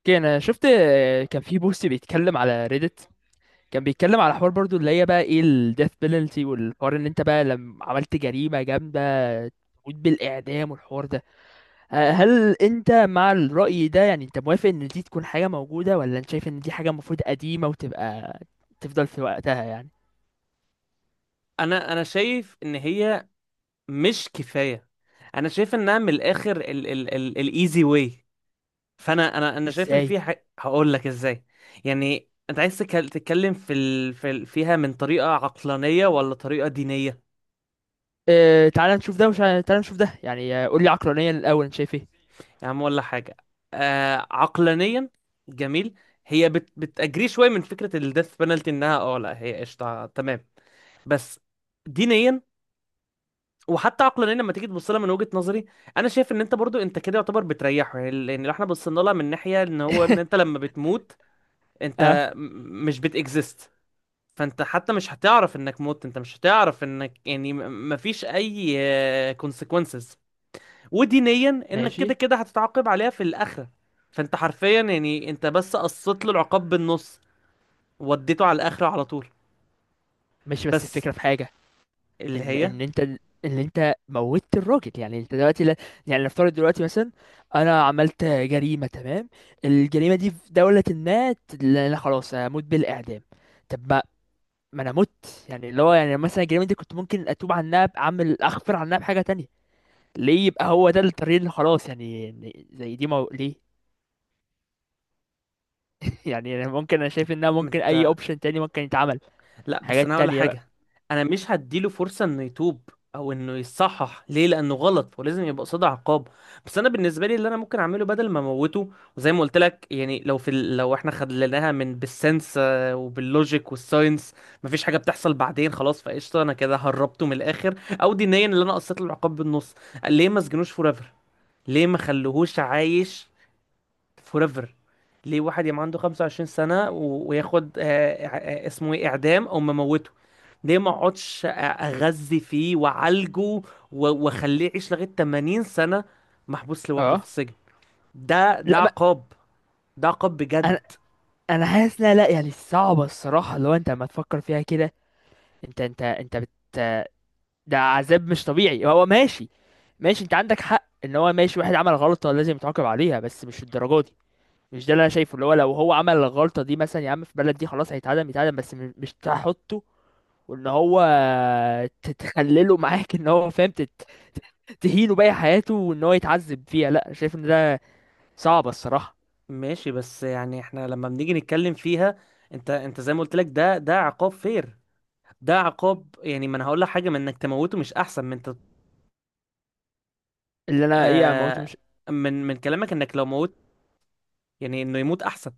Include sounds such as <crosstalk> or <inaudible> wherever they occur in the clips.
اوكي، انا شفت كان في بوست بيتكلم على ريدت. كان بيتكلم على حوار برضو اللي هي بقى ايه الديث بينالتي، والحوار ان انت بقى لما عملت جريمة جامدة تموت بالاعدام والحوار ده. هل انت مع الرأي ده؟ يعني انت موافق ان دي تكون حاجة موجودة، ولا انت شايف ان دي حاجة المفروض قديمة وتبقى تفضل في وقتها؟ يعني انا شايف ان هي مش كفايه. انا شايف انها من الاخر ال ال ال الايزي واي. فانا انا انا شايف اللي ازاي؟ فيها هقول لك ازاي. يعني انت عايز تتكلم في ال في ال فيها من طريقه عقلانيه ولا طريقه دينيه؟ اه، تعال نشوف ده تعال نشوف ده. يعني قول لي عقلانيا الاول انت شايف ايه؟ يا عم ولا حاجه. آه، عقلانيا. جميل. هي بتأجري شويه من فكره الديث بنالتي انها لا، هي قشطه تمام. بس دينيا وحتى عقلانيا لما تيجي تبص لها من وجهة نظري، انا شايف ان انت برضو انت كده يعتبر بتريحه، يعني لان لو احنا بصينا لها من ناحية ان هو ان انت <laughs> لما بتموت، اه، انت مش بتكزيست. فانت حتى مش هتعرف انك موت، انت مش هتعرف انك يعني مفيش اي كونسيكونسز. ودينيا انك كده ماشي. كده هتتعاقب عليها في الاخرة. فانت حرفيا يعني انت بس قصيت له العقاب بالنص، وديته على الاخرة على طول. ماشي، بس بس الفكرة في حاجة. اللي ان هي، ان انت، ان انت موتت الراجل، يعني انت دلوقتي لا. يعني نفترض دلوقتي مثلا انا عملت جريمه، تمام، الجريمه دي في دوله ما لا خلاص هموت بالاعدام. طب ما، ما انا مت. يعني اللي هو يعني مثلا الجريمه دي كنت ممكن اتوب عنها، بعمل اغفر عنها بحاجه تانية. ليه يبقى هو ده الطريق اللي خلاص؟ يعني يعني زي دي ليه؟ <laughs> يعني انا ممكن، انا شايف انها ممكن اي اوبشن تاني ممكن يتعمل، لا بس حاجات انا هقول تانية بقى. حاجه. انا مش هديله فرصه انه يتوب، او انه يصحح ليه لانه غلط ولازم يبقى قصاده عقاب. بس انا بالنسبه لي اللي انا ممكن اعمله بدل ما اموته، وزي ما قلت لك يعني لو لو احنا خدناها من بالسنس، وباللوجيك والساينس، مفيش حاجه بتحصل بعدين خلاص فقشطه، انا كده هربته من الاخر، او دينيا اللي انا قصيت له العقاب بالنص. ليه ما سجنوش فور ايفر؟ ليه ما خلوهوش عايش فوريفر؟ ليه واحد يبقى عنده 25 سنة وياخد آه، اسمه ايه اعدام او مموته؟ ليه ما اقعدش اغذي فيه وعالجه واخليه يعيش لغاية 80 سنة محبوس لوحده في اه. السجن؟ ده لا، ما عقاب، ده عقاب بجد. انا انا حاسس لا لا، يعني صعبه الصراحه لو انت لما تفكر فيها كده. انت بت، ده عذاب مش طبيعي. هو ماشي، ماشي، انت عندك حق ان هو ماشي واحد عمل غلطة لازم يتعاقب عليها، بس مش الدرجة دي. مش ده اللي انا شايفه. اللي هو لو هو عمل الغلطة دي مثلا، يا عم في بلد دي خلاص هيتعدم، يتعدم بس مش تحطه، وان هو تتخلله معاك ان هو فاهم تهينه باقي حياته وان هو يتعذب فيها. لا، شايف ان ده صعب الصراحة. ماشي بس يعني احنا لما بنيجي نتكلم فيها، انت زي ما قلت لك ده عقاب فير، ده عقاب، يعني ما انا هقول لك حاجة، من انك تموته مش احسن من انت. اللي انا ايه، اموته آه. مش، من كلامك انك لو موت، يعني انه يموت احسن.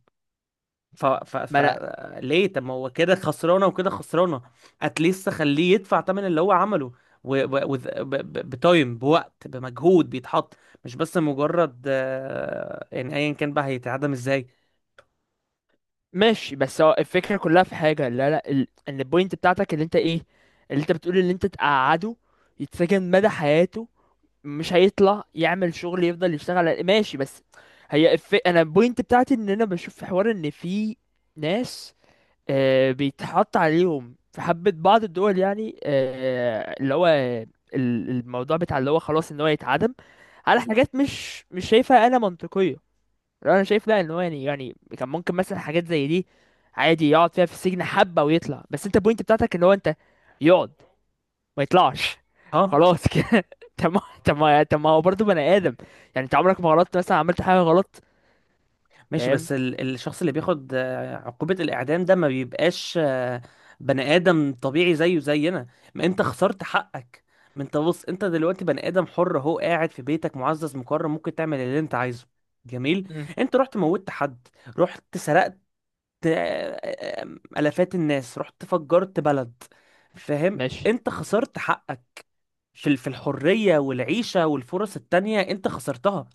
ف... ف... ف ما انا، ليه؟ طب ما هو كده خسرانه وكده خسرانه. اتليست خليه يدفع ثمن اللي هو عمله و... و... وذ- ب... ب... بتايم، بوقت، بمجهود بيتحط، مش بس مجرد يعني ايا كان بقى هيتعدم ازاي. ماشي. بس هو الفكرة كلها في حاجة، لا لا ال... ان البوينت بتاعتك اللي انت ايه، اللي انت بتقول، اللي انت تقعده يتسجن مدى حياته، مش هيطلع، يعمل شغل، يفضل يشتغل على، ماشي. بس هي انا البوينت بتاعتي ان انا بشوف في حوار ان في ناس، آه، بيتحط عليهم في حبة بعض الدول، يعني آه، اللي هو الموضوع بتاع اللي هو خلاص ان هو يتعدم على حاجات مش مش شايفها انا منطقية. لو انا شايف لا ان هو يعني يعني كان ممكن مثلا حاجات زي دي عادي يقعد فيها في السجن حبه ويطلع. بس انت البوينت بتاعتك ان هو انت، يقعد، ما يطلعش، ها. خلاص كده. <laughs> طب ما هو برضه بني ادم. يعني انت عمرك ما غلطت؟ مثلا عملت حاجه غلط؟ ماشي فاهم. بس الشخص اللي بياخد عقوبة الإعدام ده ما بيبقاش بني آدم طبيعي زيه زينا. ما أنت خسرت حقك. ما أنت بص، أنت دلوقتي بني آدم حر أهو قاعد في بيتك معزز مكرم ممكن تعمل اللي أنت عايزه، جميل. مم. أنت رحت موتت حد، رحت سرقت، آه، آه، آلافات الناس، رحت فجرت بلد. فاهم، ماشي. أنت خسرت حقك في الحرية والعيشة والفرص التانية أنت خسرتها.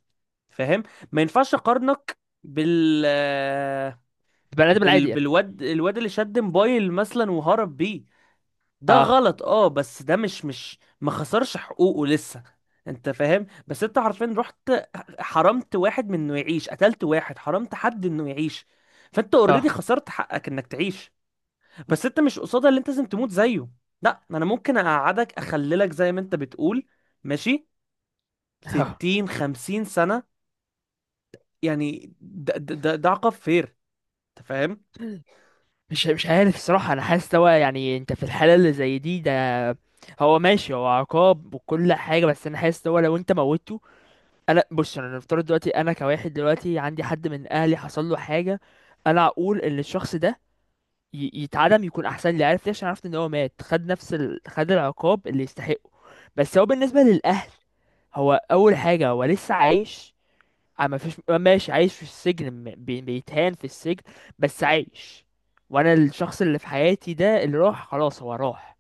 فاهم؟ ما ينفعش اقارنك بال بني ادم العادي يعني. بالواد، الواد اللي شد موبايل مثلا وهرب بيه. ده اه. غلط اه، بس ده مش ما خسرش حقوقه لسه. انت فاهم؟ بس انت حرفيا رحت حرمت واحد من انه يعيش، قتلت واحد، حرمت حد انه يعيش. فانت اوريدي اه. خسرت حقك انك تعيش. بس انت مش قصادها اللي انت لازم تموت زيه. لا، انا ممكن اقعدك اخللك زي ما انت بتقول، ماشي، <laughs> اه. 60، 50 سنة. يعني ده عقاب فين؟ انت فاهم؟ مش مش عارف الصراحه، انا حاسس هو يعني انت في الحاله اللي زي دي، ده هو ماشي هو عقاب وكل حاجه، بس انا حاسس هو لو انت موته، انا بص، انا نفترض دلوقتي انا كواحد دلوقتي عندي حد من اهلي حصل له حاجه، انا اقول ان الشخص ده يتعدم يكون احسن لي. عارف ليه؟ عشان عرفت ان هو مات، خد نفس خد العقاب اللي يستحقه. بس هو بالنسبه للاهل، هو اول حاجه هو لسه عايش، ما فيش، ماشي عايش في السجن، بيتهان في السجن، بس عايش، وانا الشخص اللي في حياتي ده اللي راح، خلاص هو راح.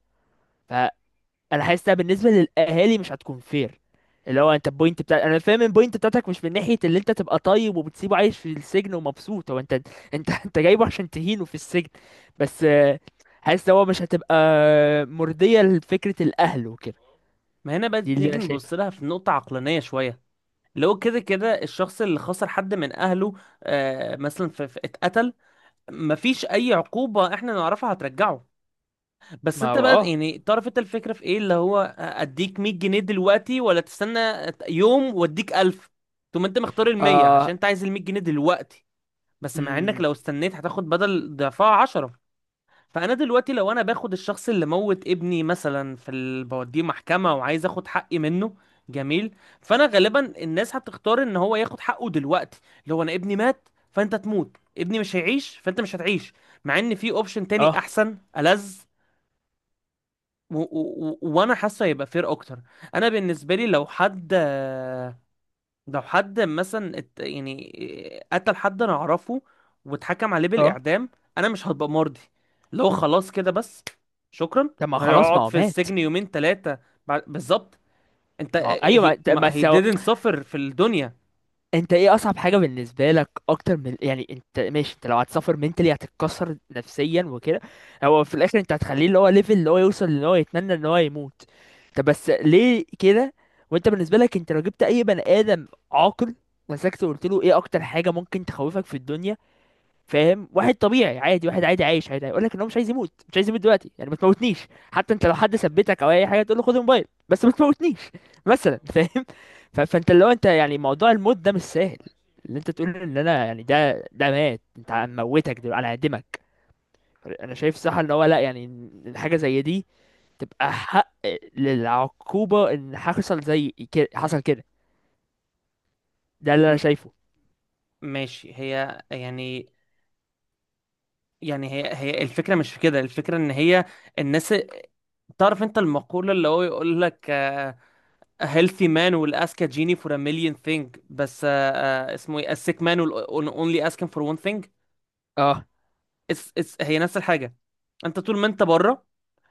انا حاسسها بالنسبه للاهالي مش هتكون فير. اللي هو انت البوينت بتاع، انا فاهم البوينت بتاعتك مش من ناحيه اللي انت تبقى طيب وبتسيبه عايش في السجن ومبسوط. هو انت، انت <laughs> انت جايبه عشان تهينه في السجن، بس حاسس هو مش هتبقى مرضيه لفكره الاهل وكده. ما هنا بقى دي اللي نيجي انا نبص شايفها. لها في نقطة عقلانية شوية. اللي هو كده كده الشخص اللي خسر حد من أهله، آه، مثلا في اتقتل، مفيش أي عقوبة احنا نعرفها هترجعه. بس ما انت هو بقى اه. يعني تعرف انت الفكرة في ايه، اللي هو اديك 100 جنيه دلوقتي، ولا تستنى يوم واديك 1000؟ ثم انت مختار ال 100 اه. عشان انت عايز ال 100 جنيه دلوقتي، بس مع انك أمم. لو استنيت هتاخد بدل ضعفها 10. فانا دلوقتي لو انا باخد الشخص اللي موت ابني مثلا بوديه محكمه وعايز اخد حقي منه، جميل. فانا غالبا الناس هتختار ان هو ياخد حقه دلوقتي. لو انا ابني مات فانت تموت، ابني مش هيعيش فانت مش هتعيش، مع ان في اوبشن تاني اه. احسن ألذ. و... و... وانا حاسه هيبقى فير اكتر. انا بالنسبه لي لو حد، لو حد مثلا يعني قتل حد انا اعرفه واتحكم عليه اه. بالاعدام، انا مش هبقى مرضي. اللي هو خلاص كده بس، شكرا. طب ما خلاص ما هيقعد هو في مات. السجن يومين ثلاثه، بالظبط. انت ما هو هي ايوه، ما ما he سو... didn't suffer في الدنيا. انت ايه اصعب حاجه بالنسبه لك، اكتر من يعني انت ماشي انت لو هتسافر منتلي هتتكسر نفسيا وكده؟ هو في الاخر انت هتخليه اللي هو ليفل اللي هو يوصل ان هو يتمنى ان هو يموت. طب بس ليه كده؟ وانت بالنسبه لك، انت لو جبت اي بني ادم عاقل، مسكته وقلت له ايه اكتر حاجه ممكن تخوفك في الدنيا؟ فاهم؟ واحد طبيعي عادي، واحد عادي عايش عادي، هيقول لك ان هو مش عايز يموت، مش عايز يموت دلوقتي. يعني ما تموتنيش، حتى انت لو حد ثبتك او اي حاجه تقول له خد الموبايل بس ما تموتنيش مثلا. فاهم؟ فانت لو انت يعني موضوع الموت ده مش سهل، اللي انت تقول ان انا يعني ده ده مات انت هنموتك دلوقتي، انا هعدمك. انا شايف صح ان هو لا، يعني إن حاجه زي دي تبقى حق للعقوبه ان حصل زي كده حصل كده. ده اللي انا م- شايفه. ماشي، هي يعني يعني هي الفكره مش في كده، الفكره ان هي الناس تعرف انت المقوله اللي هو يقول لك، a healthy man will ask a genie for a million thing، بس اسمه ايه a sick man will only ask him for one thing. اه. it's هي نفس الحاجة. انت طول ما انت بره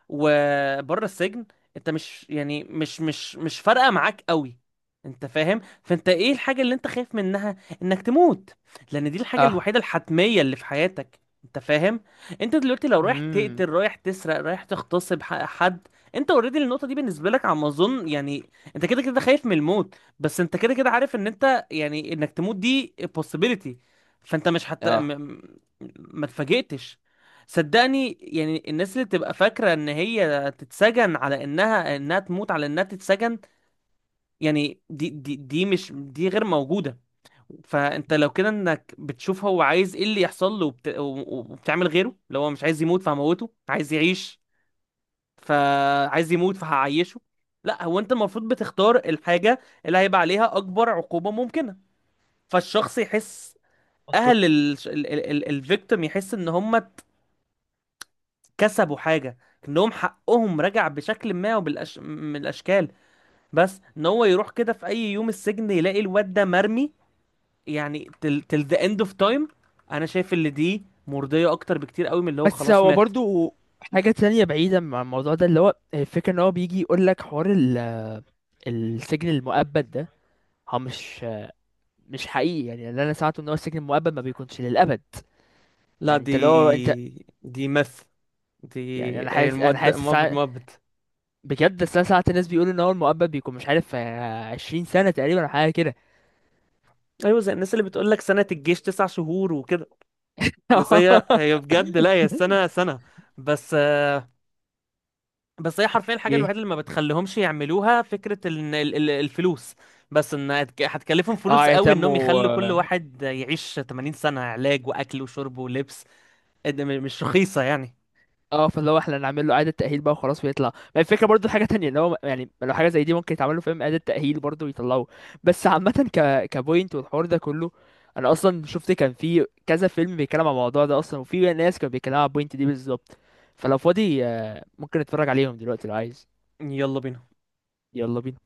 وبره السجن، انت مش يعني مش فارقة معاك قوي. انت فاهم؟ فانت ايه الحاجة اللي انت خايف منها؟ انك تموت، لان دي الحاجة اه. الوحيدة الحتمية اللي في حياتك. انت فاهم؟ انت دلوقتي لو رايح امم. تقتل، رايح تسرق، رايح تغتصب حد، انت اوريدي النقطة دي بالنسبة لك على ما اظن، يعني انت كده كده خايف من الموت، بس انت كده كده عارف ان انت يعني انك تموت دي possibility، فانت مش حتى اه. ما اتفاجئتش. صدقني يعني الناس اللي تبقى فاكرة ان هي تتسجن على انها تموت على انها تتسجن، يعني دي مش دي غير موجودة. فانت لو كده انك بتشوف هو عايز ايه اللي يحصل له، وبتعمل غيره. لو هو مش عايز يموت فهموته، عايز يعيش فعايز يموت فهعيشه. لا، هو انت المفروض بتختار الحاجة اللي هيبقى عليها اكبر عقوبة ممكنة، فالشخص يحس، منطقي. اهل الفيكتيم يحس ان هم كسبوا حاجة، انهم حقهم رجع بشكل ما من الاشكال. بس ان هو يروح كده في اي يوم السجن يلاقي الواد ده مرمي، يعني till the end of time، انا شايف اللي دي مرضية اكتر بكتير قوي من اللي هو بس خلاص هو مات. برضو حاجه تانية بعيده عن الموضوع ده، اللي هو الفكره ان هو بيجي يقول لك حوار السجن المؤبد ده هو مش مش حقيقي. يعني اللي انا سمعته ان هو السجن المؤبد ما بيكونش للابد. لا، يعني دي انت لو انت، دي دي يعني انا هي حاسس، انا حاسس مؤبد ساعة... مؤبد. بجد. بس انا ساعات الناس بيقولوا ان هو المؤبد بيكون مش عارف 20 سنه تقريبا أو حاجه كده. ايوه زي الناس اللي بتقول لك سنة الجيش 9 شهور وكده. بس هي <laughs> هي بجد لا، هي السنة سنة. بس بس هي حرفيا الحاجة ايه. الوحيدة اللي ما بتخليهمش يعملوها فكرة إن الفلوس، بس ان هتكلفهم اه فلوس قوي يتم انهم و... يخلوا كل واحد يعيش 80 سنة علاج واكل وشرب ولبس. إيه ده مش رخيصة يعني. اه، فاللي هو احنا نعمل له اعاده تاهيل بقى وخلاص ويطلع. ما الفكره برضو حاجه تانية ان هو يعني لو حاجه زي دي ممكن يتعمل له، فاهم، اعاده تاهيل برضو ويطلعوه. بس عامه، ك كبوينت والحوار ده كله، انا اصلا شفت كان في كذا فيلم بيتكلم عن الموضوع ده اصلا، وفي ناس كانوا بيتكلموا عن البوينت دي بالظبط. فلو فاضي ممكن نتفرج عليهم دلوقتي لو عايز. يلا بينا. يلا بينا.